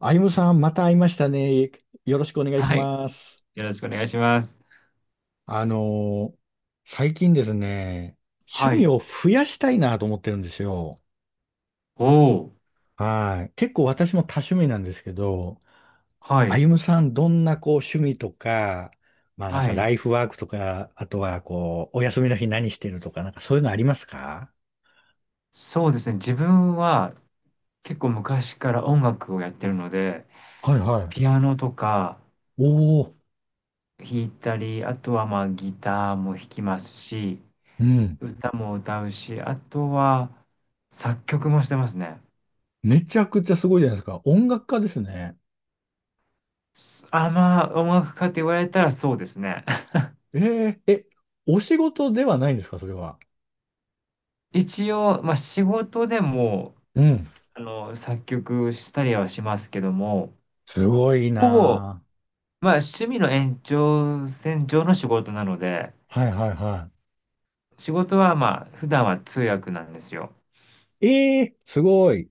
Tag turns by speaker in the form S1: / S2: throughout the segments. S1: あゆむさん、また会いましたね。よろしくお願いし
S2: はい。
S1: ます。
S2: よろしくお願いします。
S1: あのー最近ですね、趣
S2: は
S1: 味
S2: い。
S1: を増やしたいなと思ってるんですよ。
S2: おー。
S1: はい。結構私も多趣味なんですけど、
S2: は
S1: あ
S2: い。
S1: ゆむさん、どんなこう趣味とか、まあなん
S2: は
S1: か
S2: い。
S1: ライフワークとか、あとはこう、お休みの日何してるとか、なんかそういうのありますか？
S2: そうですね。自分は結構昔から音楽をやってるので、
S1: はいは
S2: ピ
S1: い。
S2: アノとか
S1: おお、
S2: 弾いたり、あとはまあギターも弾きますし、
S1: うん。
S2: 歌も歌うし、あとは作曲もしてますね。
S1: めちゃくちゃすごいじゃないですか。音楽家ですね。
S2: まあ音楽家と言われたらそうですね。
S1: えー、え、お仕事ではないんですか、それは。
S2: 一応、まあ仕事でも、
S1: うん。
S2: 作曲したりはしますけども、
S1: すごい
S2: ほぼ
S1: な
S2: まあ、趣味の延長線上の仕事なので、
S1: ぁ。はいはいは
S2: 仕事はまあ、普段は通訳なんですよ。
S1: い。ええーすごい。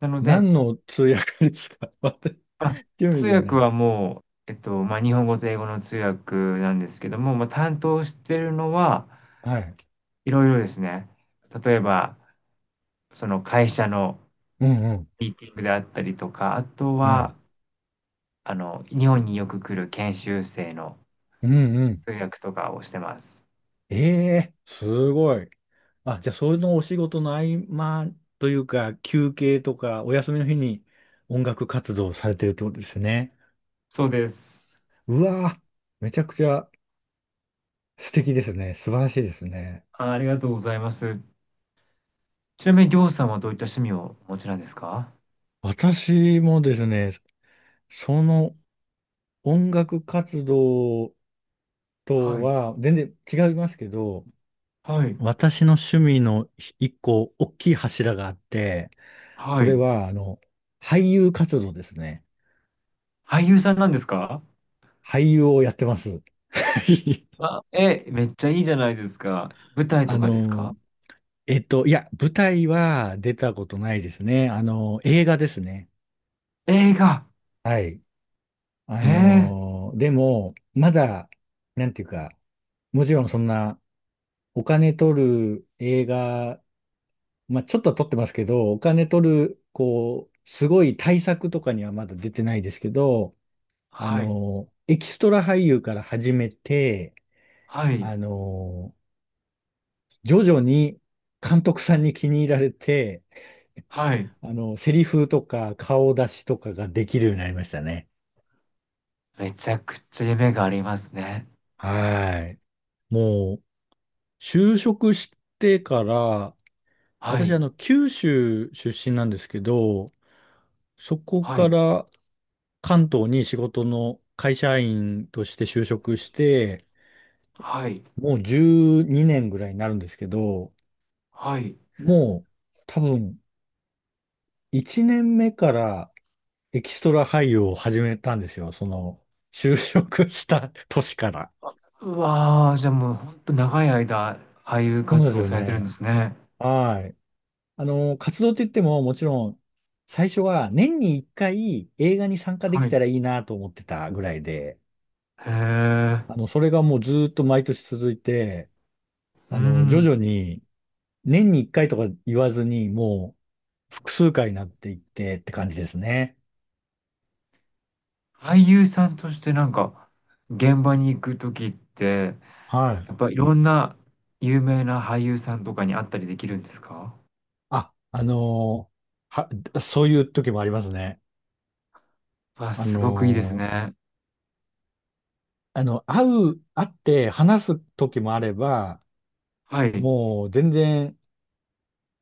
S2: なので、
S1: 何の通訳ですか？ 私、
S2: あ、
S1: 興味
S2: 通
S1: じゃな
S2: 訳
S1: い。
S2: はもう、まあ、日本語と英語の通訳なんですけども、まあ、担当してるのは
S1: はい。
S2: いろいろですね。例えば、その会社の
S1: うんうん。
S2: ミーティングであったりとか、あと
S1: はい。
S2: は、日本によく来る研修生の
S1: うんうん。
S2: 通訳とかをしてます。
S1: ええーすごい。あ、じゃあ、そのお仕事の合間というか、休憩とか、お休みの日に音楽活動をされてるってことですね。
S2: そうです。
S1: うわぁ、めちゃくちゃ素敵ですね。素晴らしいですね。
S2: あ、ありがとうございます。ちなみに、りょうさんはどういった趣味をお持ちなんですか？
S1: 私もですね、その音楽活動と
S2: はい。
S1: は、全然違いますけど、
S2: はい。
S1: 私の趣味の一個大きい柱があって、そ
S2: は
S1: れ
S2: い。
S1: は、俳優活動ですね。
S2: 俳優さんなんですか？
S1: 俳優をやってます。
S2: あ、めっちゃいいじゃないですか。舞台
S1: あ
S2: とかです
S1: の、
S2: か？
S1: いや、舞台は出たことないですね。映画ですね。
S2: 映画。
S1: はい。あ
S2: ええ。
S1: の、でも、まだ、なんていうか、もちろんそんな、お金取る映画、まあ、ちょっとは取ってますけど、お金取る、こう、すごい対策とかにはまだ出てないですけど、
S2: はい。
S1: エキストラ俳優から始めて、
S2: はい。
S1: あの、徐々に監督さんに気に入られて、
S2: はい。
S1: セリフとか顔出しとかができるようになりましたね。
S2: めちゃくちゃ夢がありますね。
S1: はい。もう、就職してから、
S2: は
S1: 私、
S2: い。
S1: 九州出身なんですけど、そこ
S2: は
S1: か
S2: い。
S1: ら関東に仕事の会社員として就職して、
S2: はい。
S1: もう12年ぐらいになるんですけど、
S2: はい。
S1: もう多分1年目からエキストラ俳優を始めたんですよ。その、就職した年から。
S2: うわー、じゃあもうほんと長い間、俳優
S1: そうで
S2: 活
S1: す
S2: 動
S1: よ
S2: されてるんで
S1: ね。
S2: すね。
S1: はい。あの、活動って言ってももちろん、最初は年に1回映画に参加で
S2: は
S1: き
S2: い。
S1: たらいいなと思ってたぐらいで、
S2: へえ。
S1: あの、それがもうずーっと毎年続いて、
S2: う
S1: 徐
S2: ん。
S1: 々に、年に一回とか言わずに、もう、複数回になっていってって感じですね。
S2: 俳優さんとしてなんか、現場に行くときって、
S1: はい。
S2: やっぱいろんな有名な俳優さんとかに会ったりできるんですか？
S1: あ、あのーは、そういう時もありますね。
S2: わ、
S1: あ
S2: すごくいいです
S1: のー
S2: ね。
S1: あの、会う、会って話す時もあれば、
S2: はい。へ
S1: もう全然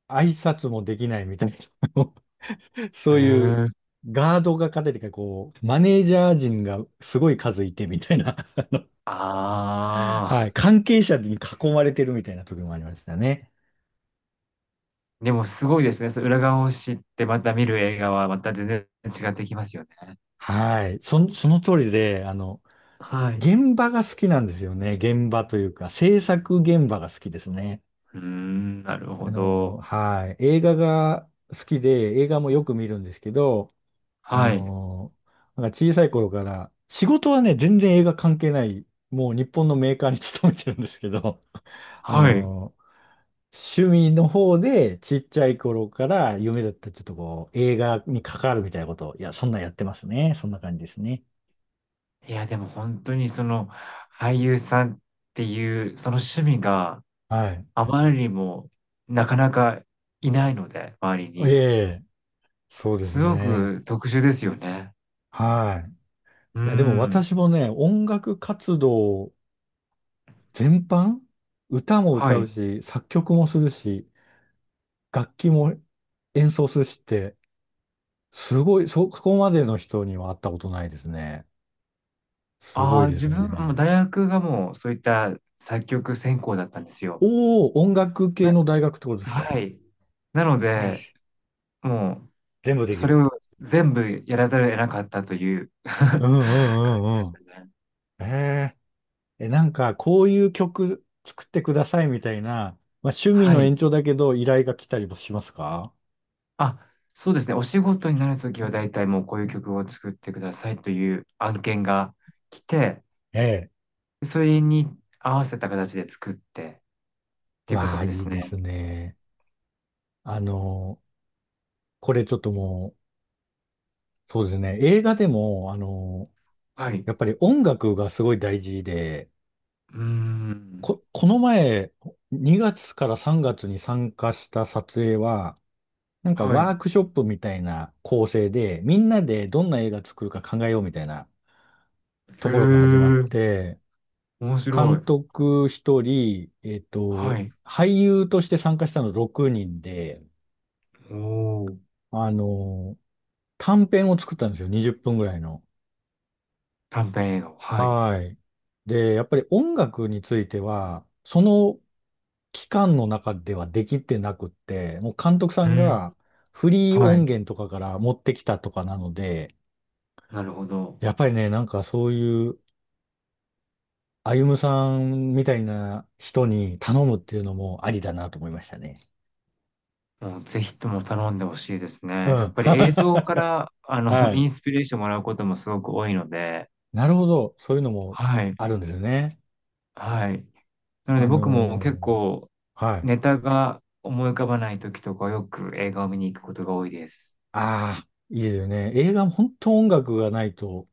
S1: 挨拶もできないみたいな、そういう
S2: え。
S1: ガードが勝ててか、こう、マネージャー陣がすごい数いてみたいな、
S2: あ
S1: は
S2: あ。
S1: い、関係者に囲まれてるみたいな時もありましたね。
S2: でもすごいですね。そう、裏側を知ってまた見る映画はまた全然違ってきますよね。
S1: はい。そ、その通りで、
S2: はい。う
S1: 現場が好きなんですよね。現場というか、制作現場が好きですね。
S2: ーん、なる
S1: あ
S2: ほ
S1: の、
S2: ど。
S1: はい。映画が好きで、映画もよく見るんですけど、あ
S2: はい。
S1: の、なんか小さい頃から、仕事はね、全然映画関係ない、もう日本のメーカーに勤めてるんですけど、あ
S2: はい。
S1: の、趣味の方で、ちっちゃい頃から夢だった、ちょっとこう、映画に関わるみたいなことを、いや、そんなんやってますね。そんな感じですね。
S2: いや、でも本当にその俳優さんっていうその趣味が
S1: はい。
S2: あまりにもなかなかいないので、周り
S1: え
S2: に。
S1: え、そうです
S2: すご
S1: ね。
S2: く特殊ですよね。
S1: はい。
S2: うー
S1: いや、でも
S2: ん。
S1: 私もね、音楽活動全般、歌も
S2: は
S1: 歌う
S2: い。
S1: し、作曲もするし、楽器も演奏するしって、すごい、そこまでの人には会ったことないですね。すご
S2: あ
S1: い
S2: あ、
S1: で
S2: 自
S1: す
S2: 分、
S1: ね。
S2: 大学がもうそういった作曲専攻だったんですよ。
S1: おお、音楽系
S2: な
S1: の大学ってことですか？
S2: はい。なの
S1: 素晴ら
S2: で、
S1: しい。
S2: も
S1: 全部
S2: う、
S1: でき
S2: それ
S1: る。
S2: を全部やらざるを得なかったという
S1: うん
S2: 感
S1: うん
S2: じ
S1: う
S2: で
S1: んう
S2: し
S1: ん。
S2: たね。
S1: ええなんかこういう曲作ってくださいみたいな、まあ、趣味
S2: は
S1: の
S2: い。
S1: 延長だけど依頼が来たりもしますか？
S2: あ、そうですね。お仕事になるときは、大体もうこういう曲を作ってくださいという案件が来て、
S1: ええ。
S2: それに合わせた形で作ってっていう
S1: わあ、
S2: 形で
S1: いい
S2: す
S1: で
S2: ね。
S1: すね。あの、これちょっともう、そうですね。映画でも、あの、
S2: はい。う
S1: やっぱり音楽がすごい大事で、
S2: ーん。
S1: こ、この前、2月から3月に参加した撮影は、なんか
S2: はい。へ
S1: ワークショップみたいな構成で、みんなでどんな映画作るか考えようみたいなところから始まっ
S2: え。
S1: て、
S2: 面白
S1: 監
S2: い。
S1: 督一人、
S2: はい。
S1: 俳優として参加したの6人で、
S2: おー。
S1: あの、短編を作ったんですよ。20分ぐらいの。
S2: 短編映画。はい。
S1: はい。で、やっぱり音楽については、その期間の中ではできてなくって、もう監督さ
S2: う
S1: ん
S2: ん。
S1: がフリー
S2: はい。
S1: 音源とかから持ってきたとかなので、
S2: なるほど。
S1: やっぱりね、なんかそういう、歩夢さんみたいな人に頼むっていうのもありだなと思いましたね。
S2: もうぜひとも頼んでほしいです
S1: う
S2: ね。やっ
S1: ん。
S2: ぱり映像か
S1: は
S2: ら、イ
S1: い。
S2: ンス ピレーションもらうこともすごく多いので、
S1: なるほど。そういうのも
S2: はい。
S1: あるんですね。
S2: はい。なので
S1: あ
S2: 僕も結
S1: の
S2: 構、
S1: はい。
S2: ネタが思い浮かばない時とかよく映画を見に行くことが多いです。
S1: ああ、いいですよね。映画も本当音楽がないと、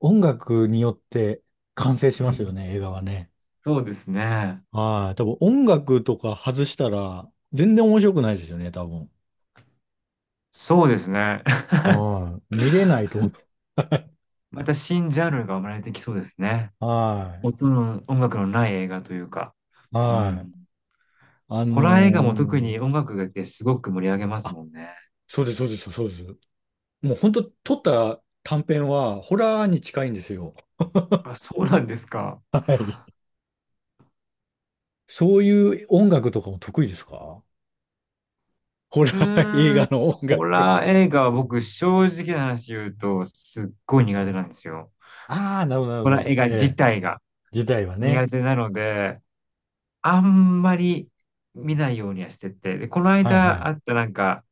S1: 音楽によって完成し
S2: う
S1: ますよ
S2: ん。
S1: ね、映画はね。
S2: そうですね。
S1: はい。多分音楽とか外したら、全然面白くないですよね、多分。
S2: そうですね。
S1: はい。見れないと思う。
S2: また新ジャンルが生まれてきそうですね。
S1: はい。
S2: 音楽のない映画というか。う
S1: は
S2: ん。
S1: い。あの
S2: ホラー映画も特に
S1: ー
S2: 音楽ってすごく盛り上げます
S1: あ、
S2: もんね。
S1: そうです、そうです、そうです。もう本当撮った短編は、ホラーに近いんですよ。
S2: あ、そうなんですか？
S1: はい。そういう音楽とかも得意ですか？ホラ
S2: うー
S1: ー映画
S2: ん、
S1: の音
S2: ホ
S1: 楽。
S2: ラー映画は僕正直な話言うとすっごい苦手なんですよ。
S1: ああ、なるほど、なるほ
S2: ホラー映
S1: ど。
S2: 画
S1: え
S2: 自
S1: え、
S2: 体が
S1: 時代はね。
S2: 苦手なので、あんまり見ないようにはしてて。で、この
S1: はいは
S2: 間あ
S1: い。
S2: ったなんか、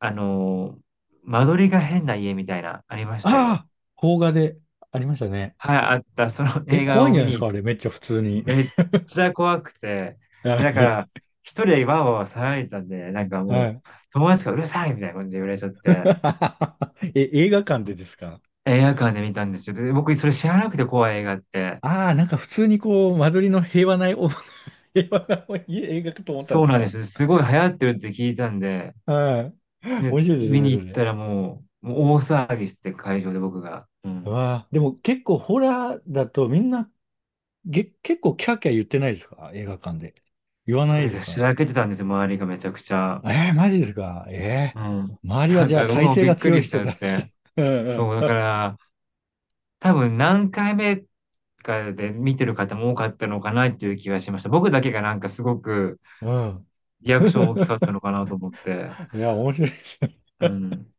S2: あのー間取りが変な家みたいな、ありましたよ。
S1: ああ、邦画でありましたね。
S2: はい、あった。その
S1: え、
S2: 映画
S1: 怖いん
S2: を
S1: じゃ
S2: 見
S1: ないですか
S2: に、
S1: あれ、めっちゃ普通に。
S2: めっちゃ怖くて、で
S1: は
S2: だか
S1: い。
S2: ら、一人でわーわー騒いでたんで、なんかも
S1: はい。
S2: う、友達がうるさいみたいな感じで言われちゃって、
S1: え、映画館でですか？
S2: 映画館で見たんですよ。で、僕、それ知らなくて怖い映画って。
S1: ああなんか普通にこう、間取りの平和なお 平和な映画かと思ったんで
S2: そう
S1: す
S2: なんで
S1: か？
S2: すよ。すごい流行ってるって聞いたんで、
S1: はい。
S2: で、
S1: 面白いで
S2: 見に
S1: すね、
S2: 行
S1: そ
S2: っ
S1: れ。
S2: たらもう、大騒ぎして会場で僕が。うん。
S1: わあ、でも結構ホラーだとみんなげ、結構キャーキャー言ってないですか映画館で。言わ
S2: そ
S1: ない
S2: れ
S1: です
S2: がし
S1: か？
S2: らけてたんですよ、周りがめちゃくちゃ。
S1: えー、マジですか？え
S2: うん。
S1: ー、周りは
S2: なん
S1: じゃあ
S2: か僕
S1: 体
S2: も
S1: 勢
S2: びっ
S1: が
S2: く
S1: 強い
S2: りしち
S1: 人
S2: ゃっ
S1: だ
S2: て。
S1: し。うん
S2: そう、
S1: う
S2: だか
S1: ん。
S2: ら、多分何回目かで見てる方も多かったのかなっていう気がしました。僕だけがなんかすごく
S1: うん。
S2: リアクション大きかった のかなと思って。
S1: いや、面白いですね。
S2: うん。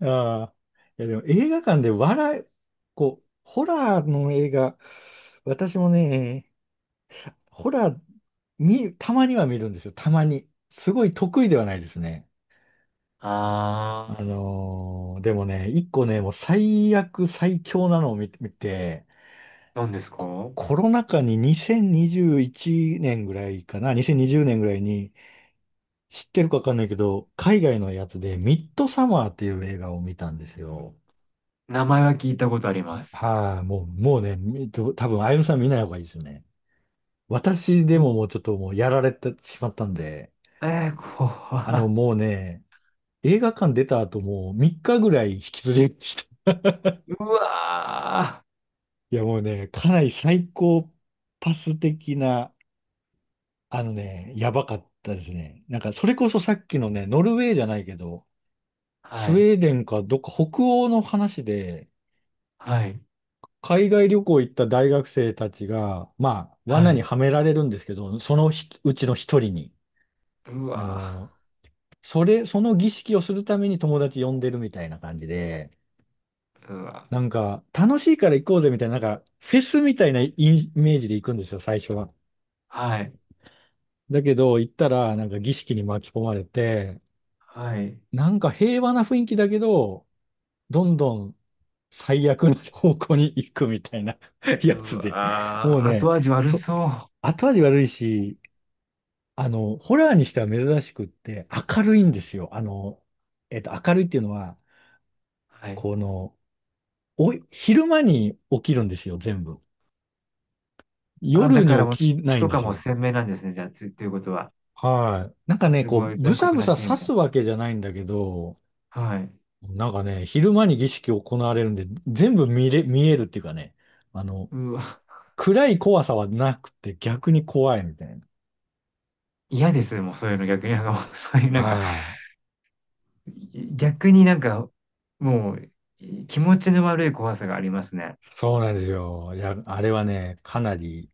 S1: ああ。いや、でも映画館で笑い、こう、ホラーの映画、私もね、ホラー、見、たまには見るんですよ。たまに。すごい得意ではないですね。
S2: あ
S1: あのーでもね、一個ね、もう最悪、最強なのを見て、見て
S2: ー、何ですか？
S1: コロナ禍に2021年ぐらいかな、2020年ぐらいに、知ってるかわかんないけど、海外のやつで、ミッドサマーっていう映画を見たんですよ。
S2: 名前は聞いたことあります。
S1: はい、もう、もうね、み多分、あゆむさん見ない方がいいですね。私で
S2: う
S1: ももうちょっともうやられてしまったんで、
S2: えー、こ
S1: もうね、映画館出た後もう3日ぐらい引きずりました。
S2: うわ
S1: いや、もうね、かなり最高パス的な、あのね、やばかったですね。なんか、それこそさっきのね、ノルウェーじゃないけど、
S2: ー。は
S1: スウ
S2: い。
S1: ェーデンかどっか北欧の話で、
S2: はい。
S1: 海外旅行行った大学生たちが、まあ、
S2: は
S1: 罠に
S2: い。
S1: はめられるんですけど、そのひうちの一人に、
S2: う
S1: あ
S2: わ
S1: の、それ、その儀式をするために友達呼んでるみたいな感じで、
S2: ー。うわ
S1: なんか、楽しいから行こうぜみたいな、なんか、フェスみたいなイメージで行くんですよ、最初は。
S2: ー。はい。
S1: だけど、行ったら、なんか儀式に巻き込まれて、
S2: はい。
S1: なんか平和な雰囲気だけど、どんどん最悪な方向に行くみたいな や
S2: う
S1: つで、も
S2: わ
S1: う
S2: ー。
S1: ね、
S2: 後味悪
S1: そ
S2: そう。
S1: 後味悪いし、ホラーにしては珍しくって、明るいんですよ。明るいっていうのは、
S2: はい。
S1: この、お、昼間に起きるんですよ、全部。
S2: あ、
S1: 夜
S2: だから
S1: に
S2: もう
S1: 起
S2: 血、
S1: きな
S2: 血
S1: いん
S2: と
S1: で
S2: か
S1: す
S2: も
S1: よ。
S2: 鮮明なんですね。じゃあ、ということは。
S1: はい。なんかね、
S2: すご
S1: こ
S2: い
S1: う、ぶ
S2: 残
S1: さ
S2: 酷
S1: ぶ
S2: な
S1: さ
S2: シーン
S1: 刺
S2: も。
S1: すわけじゃないんだけど、
S2: はい。
S1: なんかね、昼間に儀式を行われるんで、全部見れ、見えるっていうかね、あの、
S2: うわ、
S1: 暗い怖さはなくて逆に怖いみたいな。
S2: 嫌です、もうそういうの逆に。なんかもう、そういうなんか、
S1: はい。
S2: 逆になんか、もう、気持ちの悪い怖さがありますね。
S1: そうなんですよ。いや、あれはね、かなり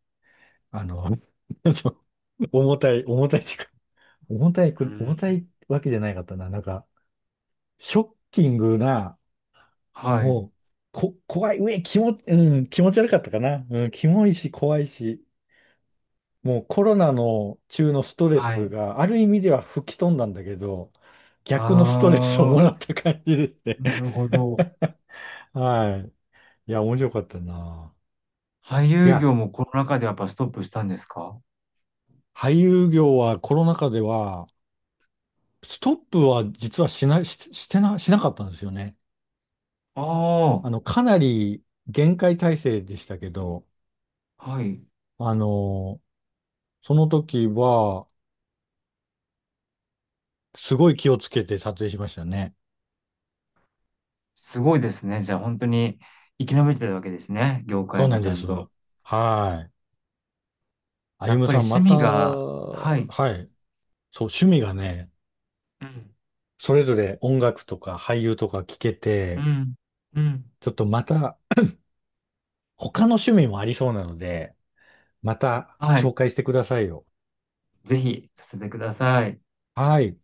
S1: あの 重たい、重たいっていうか、重たい
S2: う
S1: く、重た
S2: ん。
S1: いわけじゃないかったな。なんか、ショッキングな、
S2: はい。
S1: もう、こ、怖い、うえ、気持ち、うん、気持ち悪かったかな。うん、キモいし、怖いし、もうコロナの中のストレ
S2: は
S1: ス
S2: い。
S1: がある意味では吹き飛んだんだけど、逆のストレスを
S2: あ
S1: もら
S2: あ、
S1: った感じですね。
S2: なるほど。
S1: はい。いや、面白かったな。
S2: 俳
S1: い
S2: 優
S1: や、
S2: 業もコロナ禍でやっぱストップしたんですか？
S1: 俳優業はコロナ禍では、ストップは実はしない、し、してな、しなかったんですよね。
S2: ああ、
S1: かなり厳戒態勢でしたけど、
S2: はい。
S1: あの、その時は、すごい気をつけて撮影しましたね。
S2: すごいですね。じゃあ本当に生き延びてるわけですね。業
S1: そ
S2: 界
S1: うな
S2: も
S1: ん
S2: ち
S1: で
S2: ゃん
S1: す。
S2: と。
S1: はい。あ
S2: や
S1: ゆ
S2: っ
S1: む
S2: ぱり
S1: さん、ま
S2: 趣
S1: た、
S2: 味が、は
S1: は
S2: い。
S1: い。そう、趣味がね、
S2: うん。
S1: それぞれ音楽とか俳優とか聞け
S2: う
S1: て、
S2: ん。うん。
S1: ちょっとまた、他の趣味もありそうなので、また
S2: はい。
S1: 紹介してくださいよ。
S2: ぜひさせてください。
S1: はい。